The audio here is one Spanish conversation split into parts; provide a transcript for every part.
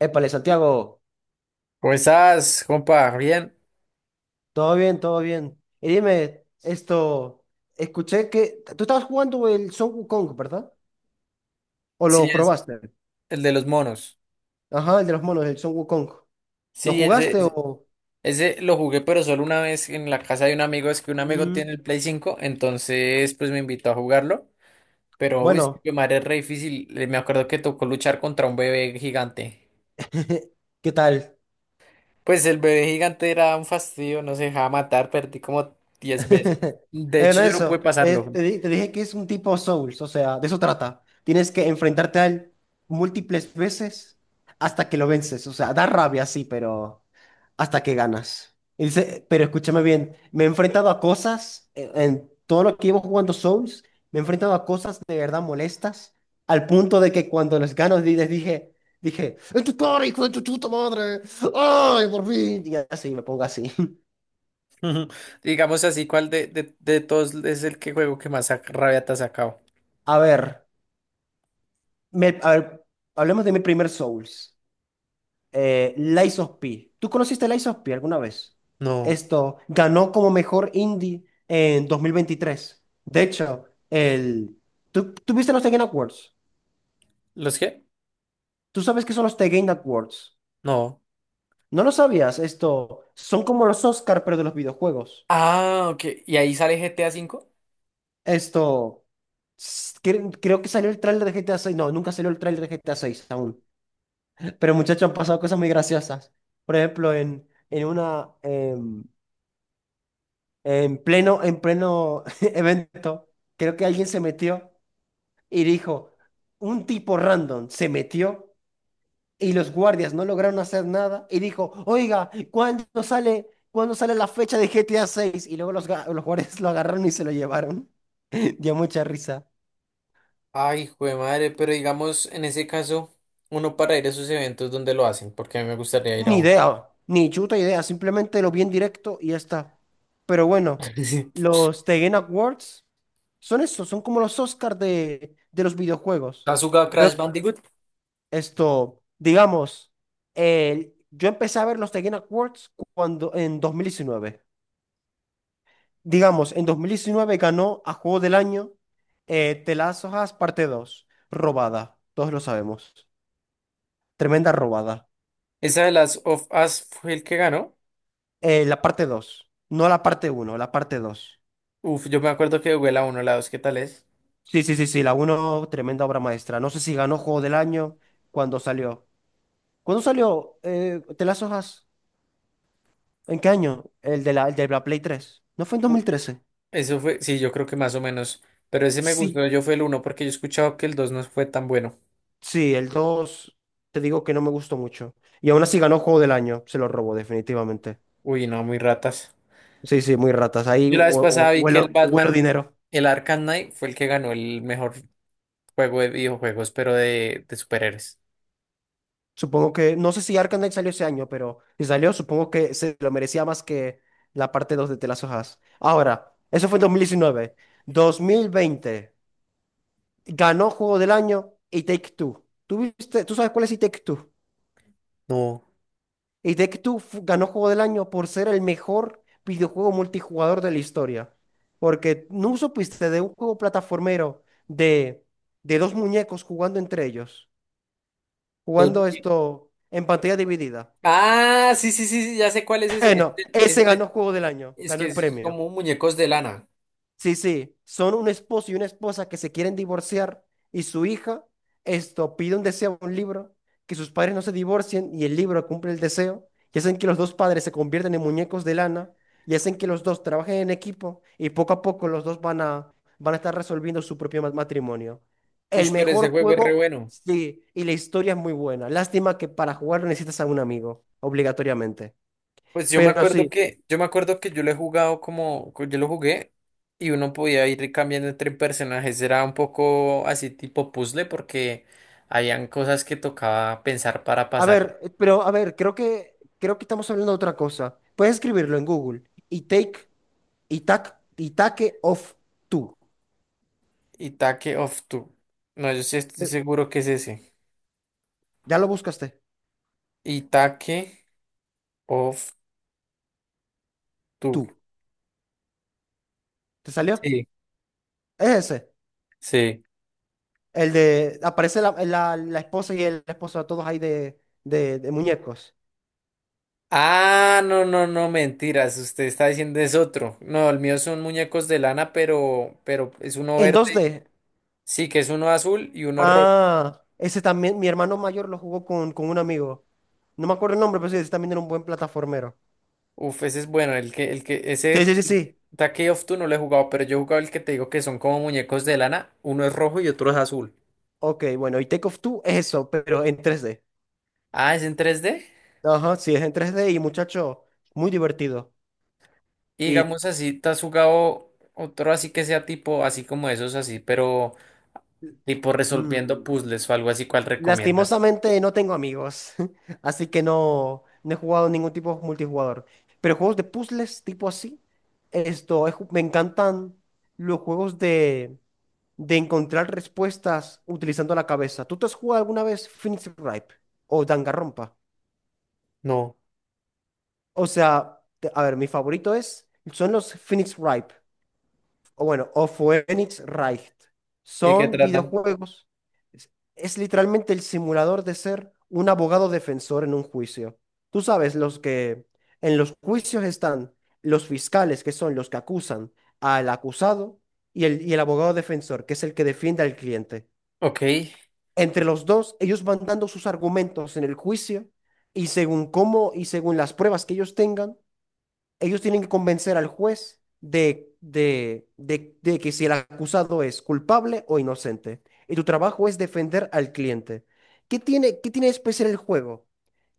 Épale, Santiago, ¿Cómo estás, compa? Bien. todo bien, todo bien. Y dime, escuché que tú estabas jugando el Son Wukong, ¿verdad? ¿O lo Sí, es probaste? el de los monos. Ajá, el de los monos, el Son Wukong. ¿Lo Sí, ese, jugaste ese o...? ese lo jugué, pero solo una vez en la casa de un amigo. Es que un amigo Mm, tiene el Play cinco, entonces pues me invitó a jugarlo. Pero, uy, bueno. que madre, es re difícil. Me acuerdo que tocó luchar contra un bebé gigante. ¿Qué tal? Pues el bebé gigante era un fastidio, no se dejaba matar, perdí como 10 veces. De hecho, No yo no pude eso, pasarlo. Te dije que es un tipo Souls, o sea, de eso trata. Tienes que enfrentarte a él múltiples veces hasta que lo vences. O sea, da rabia, sí, pero hasta que ganas. Y dice, pero escúchame bien, me he enfrentado a cosas, en todo lo que llevo jugando Souls, me he enfrentado a cosas de verdad molestas, al punto de que cuando los gano les dije, dije, ¡Es tu cara, hijo de tu chuta madre! ¡Ay, por fin! Y así, me pongo así. Digamos así, ¿cuál de todos es el que juego que más rabia te ha sacado? A ver. A ver, hablemos de mi primer Souls. Lies of P. ¿Tú conociste Lies of P alguna vez? No. Esto ganó como mejor indie en 2023. De hecho, el... tú viste los The Game Awards? ¿Los qué? ¿Tú sabes qué son los The Game Awards? No. ¿No lo sabías? Esto son como los Oscar, pero de los videojuegos. Ah, ok. ¿Y ahí sale GTA cinco? Esto... Creo que salió el tráiler de GTA 6. No, nunca salió el tráiler de GTA 6 aún. Pero muchachos, han pasado cosas muy graciosas. Por ejemplo, en una... en pleno, en pleno evento, creo que alguien se metió y dijo, un tipo random se metió y los guardias no lograron hacer nada y dijo, oiga, cuándo sale la fecha de GTA 6? Y luego los guardias lo agarraron y se lo llevaron. Dio mucha risa. Ay, jue madre, pero digamos, en ese caso, uno para ir a esos eventos donde lo hacen, porque a mí me gustaría ir a Ni uno. idea, ni chuta idea, simplemente lo vi en directo y ya está. Pero bueno, Sí. los The Game Awards son eso, son como los Oscars de los videojuegos. ¿Has jugado Crash Bandicoot? Esto, digamos, yo empecé a ver los The Game Awards cuando, en dos mil diecinueve. Digamos, en 2019 ganó a Juego del Año The Last of Us parte dos, robada, todos lo sabemos. Tremenda robada. Esa de las of Us fue el que ganó. La parte dos, no la parte uno, la parte dos. Uf, yo me acuerdo que jugué la uno, la 2. ¿Qué tal es? Sí, la uno tremenda obra maestra. No sé si ganó Juego del Año cuando salió. ¿Cuándo salió The Last of Us? ¿En qué año? El de la Play tres. ¿No fue en dos mil U- trece? eso fue, sí, yo creo que más o menos. Pero ese me gustó, Sí, yo fue el uno porque yo he escuchado que el 2 no fue tan bueno. sí, el 2 te digo que no me gustó mucho. Y aún así ganó Juego del Año, se lo robó definitivamente. Uy, no, muy ratas. Sí, sí, muy ratas. Ahí Yo la vez pasada vi que el huelo, huelo Batman, dinero. el Arkham Knight, fue el que ganó el mejor juego de videojuegos, pero de superhéroes. Supongo que, no sé si Arkham Knight salió ese año, pero si salió, supongo que se lo merecía más que la parte 2 de The Last of Us. Ahora, eso fue en 2019. Dos mil veinte ganó Juego del Año y Take Two. Tú sabes cuál es y Take Two? No. Y Take Two ganó Juego del Año por ser el mejor videojuego multijugador de la historia. Porque no supiste de un juego plataformero de dos muñecos jugando entre ellos, Dos jugando muñe- esto en pantalla dividida. ah, sí, sí, sí, sí, ya sé cuál es ese. No, ese Es ganó Juego del Año, es ganó que el es premio. como muñecos de lana. Sí, sí, son un esposo y una esposa que se quieren divorciar y su hija, esto, pide un deseo, un libro, que sus padres no se divorcien, y el libro cumple el deseo y hacen que los dos padres se convierten en muñecos de lana y hacen que los dos trabajen en equipo y poco a poco los dos van a estar resolviendo su propio matrimonio. Uy, El pero ese mejor juego es re juego, bueno. sí, y la historia es muy buena. Lástima que para jugarlo necesitas a un amigo, obligatoriamente. Pues yo me Pero acuerdo sí. que, yo me acuerdo que yo lo he jugado como, yo lo jugué y uno podía ir cambiando entre personajes. Era un poco así tipo puzzle porque habían cosas que tocaba pensar para pasar. Pero a ver, creo que estamos hablando de otra cosa. Puedes escribirlo en Google. Y take, y take off tú. Itaque of Two. No, yo sí estoy Eh, seguro que es ese. Ya lo buscaste. Itaque of Tú. Two. ¿Te salió? Sí. Es ese. Sí. El de aparece la esposa y el esposo, todos ahí de, de muñecos. Ah, no, no, no, mentiras. Usted está diciendo es otro. No, el mío son muñecos de lana, pero es uno En verde. dos d. Sí, que es uno azul y uno rojo. Ah, ese también, mi hermano mayor lo jugó con un amigo. No me acuerdo el nombre, pero sí, ese también era un buen plataformero. Uf, ese es bueno. El que, el que, Sí, sí, ese sí, sí. Take of Two no lo he jugado, pero yo he jugado el que te digo que son como muñecos de lana. Uno es rojo y otro es azul. Ok, bueno, y Take Off Two es eso, pero en tres d. Ah, ¿es en tres d? Ajá, sí, es en tres d y muchacho, muy divertido. Y Y digamos así, ¿te has jugado otro así que sea tipo, así como esos así, pero tipo resolviendo mm, puzzles o algo así? ¿Cuál recomiendas? lastimosamente no tengo amigos, así que no, no he jugado ningún tipo de multijugador. Pero juegos de puzzles tipo así, esto, me encantan los juegos de encontrar respuestas utilizando la cabeza. ¿Tú te has jugado alguna vez Phoenix Ripe o Danganronpa? No. O sea, a ver, mi favorito es, son los Phoenix Ripe. O bueno, o Phoenix Wright. ¿Y de qué Son tratan? videojuegos. Es, es literalmente el simulador de ser un abogado defensor en un juicio. Tú sabes, los que en los juicios están los fiscales, que son los que acusan al acusado, y el abogado defensor, que es el que defiende al cliente. Ok. Entre los dos, ellos van dando sus argumentos en el juicio y según cómo y según las pruebas que ellos tengan, ellos tienen que convencer al juez de que si el acusado es culpable o inocente. Y tu trabajo es defender al cliente. Qué tiene de especial el juego?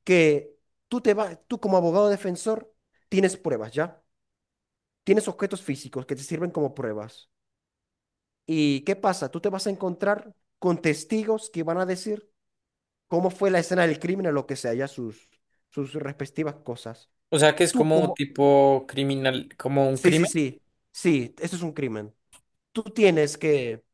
Que tú, te vas tú como abogado defensor tienes pruebas, ¿ya? Tienes objetos físicos que te sirven como pruebas. ¿Y qué pasa? Tú te vas a encontrar con testigos que van a decir cómo fue la escena del crimen o lo que sea, ya sus, sus respectivas cosas. O sea que es Tú como como... tipo criminal, como un Sí, sí, crimen. sí. Sí, eso es un crimen. Tú tienes que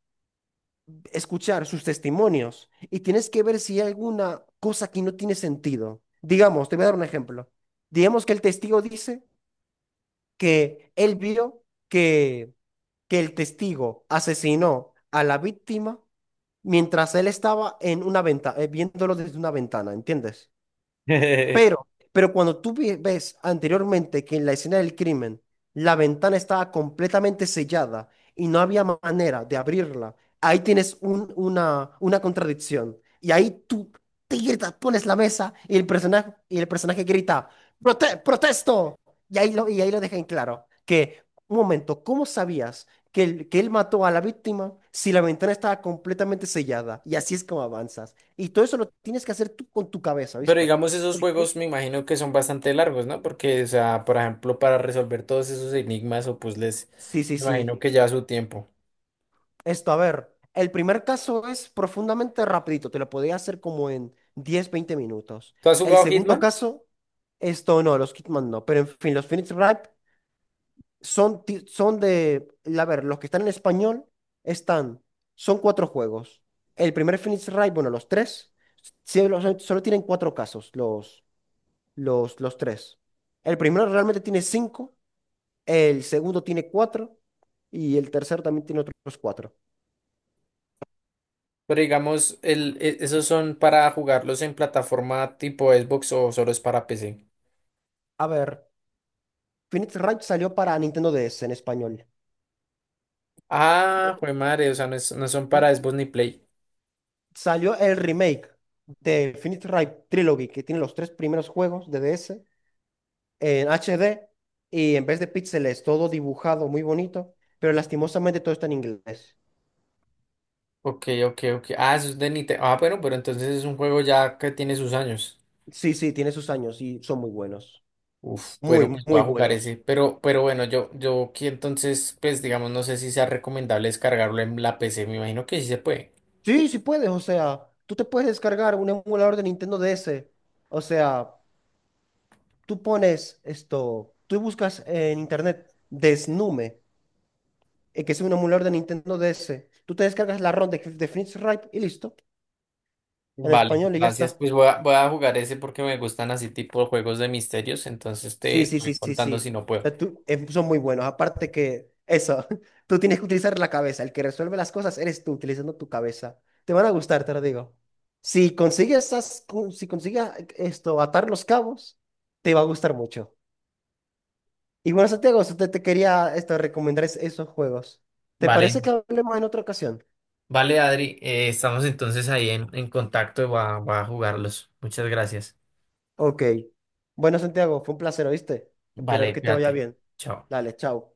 escuchar sus testimonios y tienes que ver si hay alguna cosa que no tiene sentido. Digamos, te voy a dar un ejemplo. Digamos que el testigo dice que él vio que el testigo asesinó a la víctima mientras él estaba en una ventana, viéndolo desde una ventana, ¿entiendes? Pero Pero cuando tú ves anteriormente que en la escena del crimen la ventana estaba completamente sellada y no había manera de abrirla, ahí tienes una contradicción. Y ahí tú te gritas, pones la mesa y el personaje grita, Protesto!" Y ahí lo deja en claro que, un momento, ¿cómo sabías que, que él mató a la víctima si la ventana estaba completamente sellada? Y así es como avanzas. Y todo eso lo tienes que hacer tú con tu cabeza, ¿viste? digamos, esos juegos me imagino que son bastante largos, ¿no? Porque, o sea, por ejemplo, para resolver todos esos enigmas o puzzles, Sí, sí, me sí. imagino que lleva su tiempo. Esto, a ver, el primer caso es profundamente rapidito, te lo podía hacer como en 10, 20 minutos. ¿Tú has El jugado segundo Hitman? caso, esto no, los Kidman no, pero en fin, los Phoenix Wright son, son de, a ver, los que están en español están, son cuatro juegos. El primer Phoenix Wright, bueno, los tres, sí, solo tienen cuatro casos, los tres. El primero realmente tiene cinco, el segundo tiene cuatro y el tercero también tiene otros cuatro. Pero digamos, esos son para jugarlos en plataforma tipo Xbox o solo es para PC. A ver, Phoenix Ranch salió para Nintendo DS en español. Ah, jue madre, o sea, no, no son ¿Mm? para Xbox ni Play. Salió el remake de Phoenix Wright Trilogy, que tiene los tres primeros juegos de DS en HD y en vez de píxeles, todo dibujado muy bonito, pero lastimosamente todo está en inglés. Ok, ok, ok. Ah, eso es de Nintendo. Ah, bueno, pero entonces es un juego ya que tiene sus años. Sí, sí, tiene sus años y son muy buenos. Uf, bueno, Muy, pues voy muy a jugar ese, buenos. Pero bueno, yo aquí entonces, pues digamos, no sé si sea recomendable descargarlo en la PC, me imagino que sí se puede. Sí, sí puedes, o sea, tú te puedes descargar un emulador de Nintendo DS. O sea, tú pones esto, tú buscas en internet Desnume que es un emulador de Nintendo DS. Tú te descargas la ROM de Phoenix Wright y listo, en Vale, español y ya gracias, está. pues voy a jugar ese porque me gustan así tipo juegos de misterios, entonces Sí, te sí, voy sí, sí, contando si sí. no O puedo. sea, son muy buenos. Aparte que eso, tú tienes que utilizar la cabeza. El que resuelve las cosas eres tú, utilizando tu cabeza. Te van a gustar, te lo digo. Si consigues esas, si consigues esto, atar los cabos, te va a gustar mucho. Y bueno, Santiago, eso te quería recomendar esos juegos. ¿Te parece Vale, que hablemos en otra ocasión? vale, Adri, estamos entonces ahí en contacto y voy a jugarlos. Muchas gracias. Ok. Bueno, Santiago, fue un placer, ¿oíste? Espero Vale, que te vaya cuídate. bien. Chao. Dale, chao.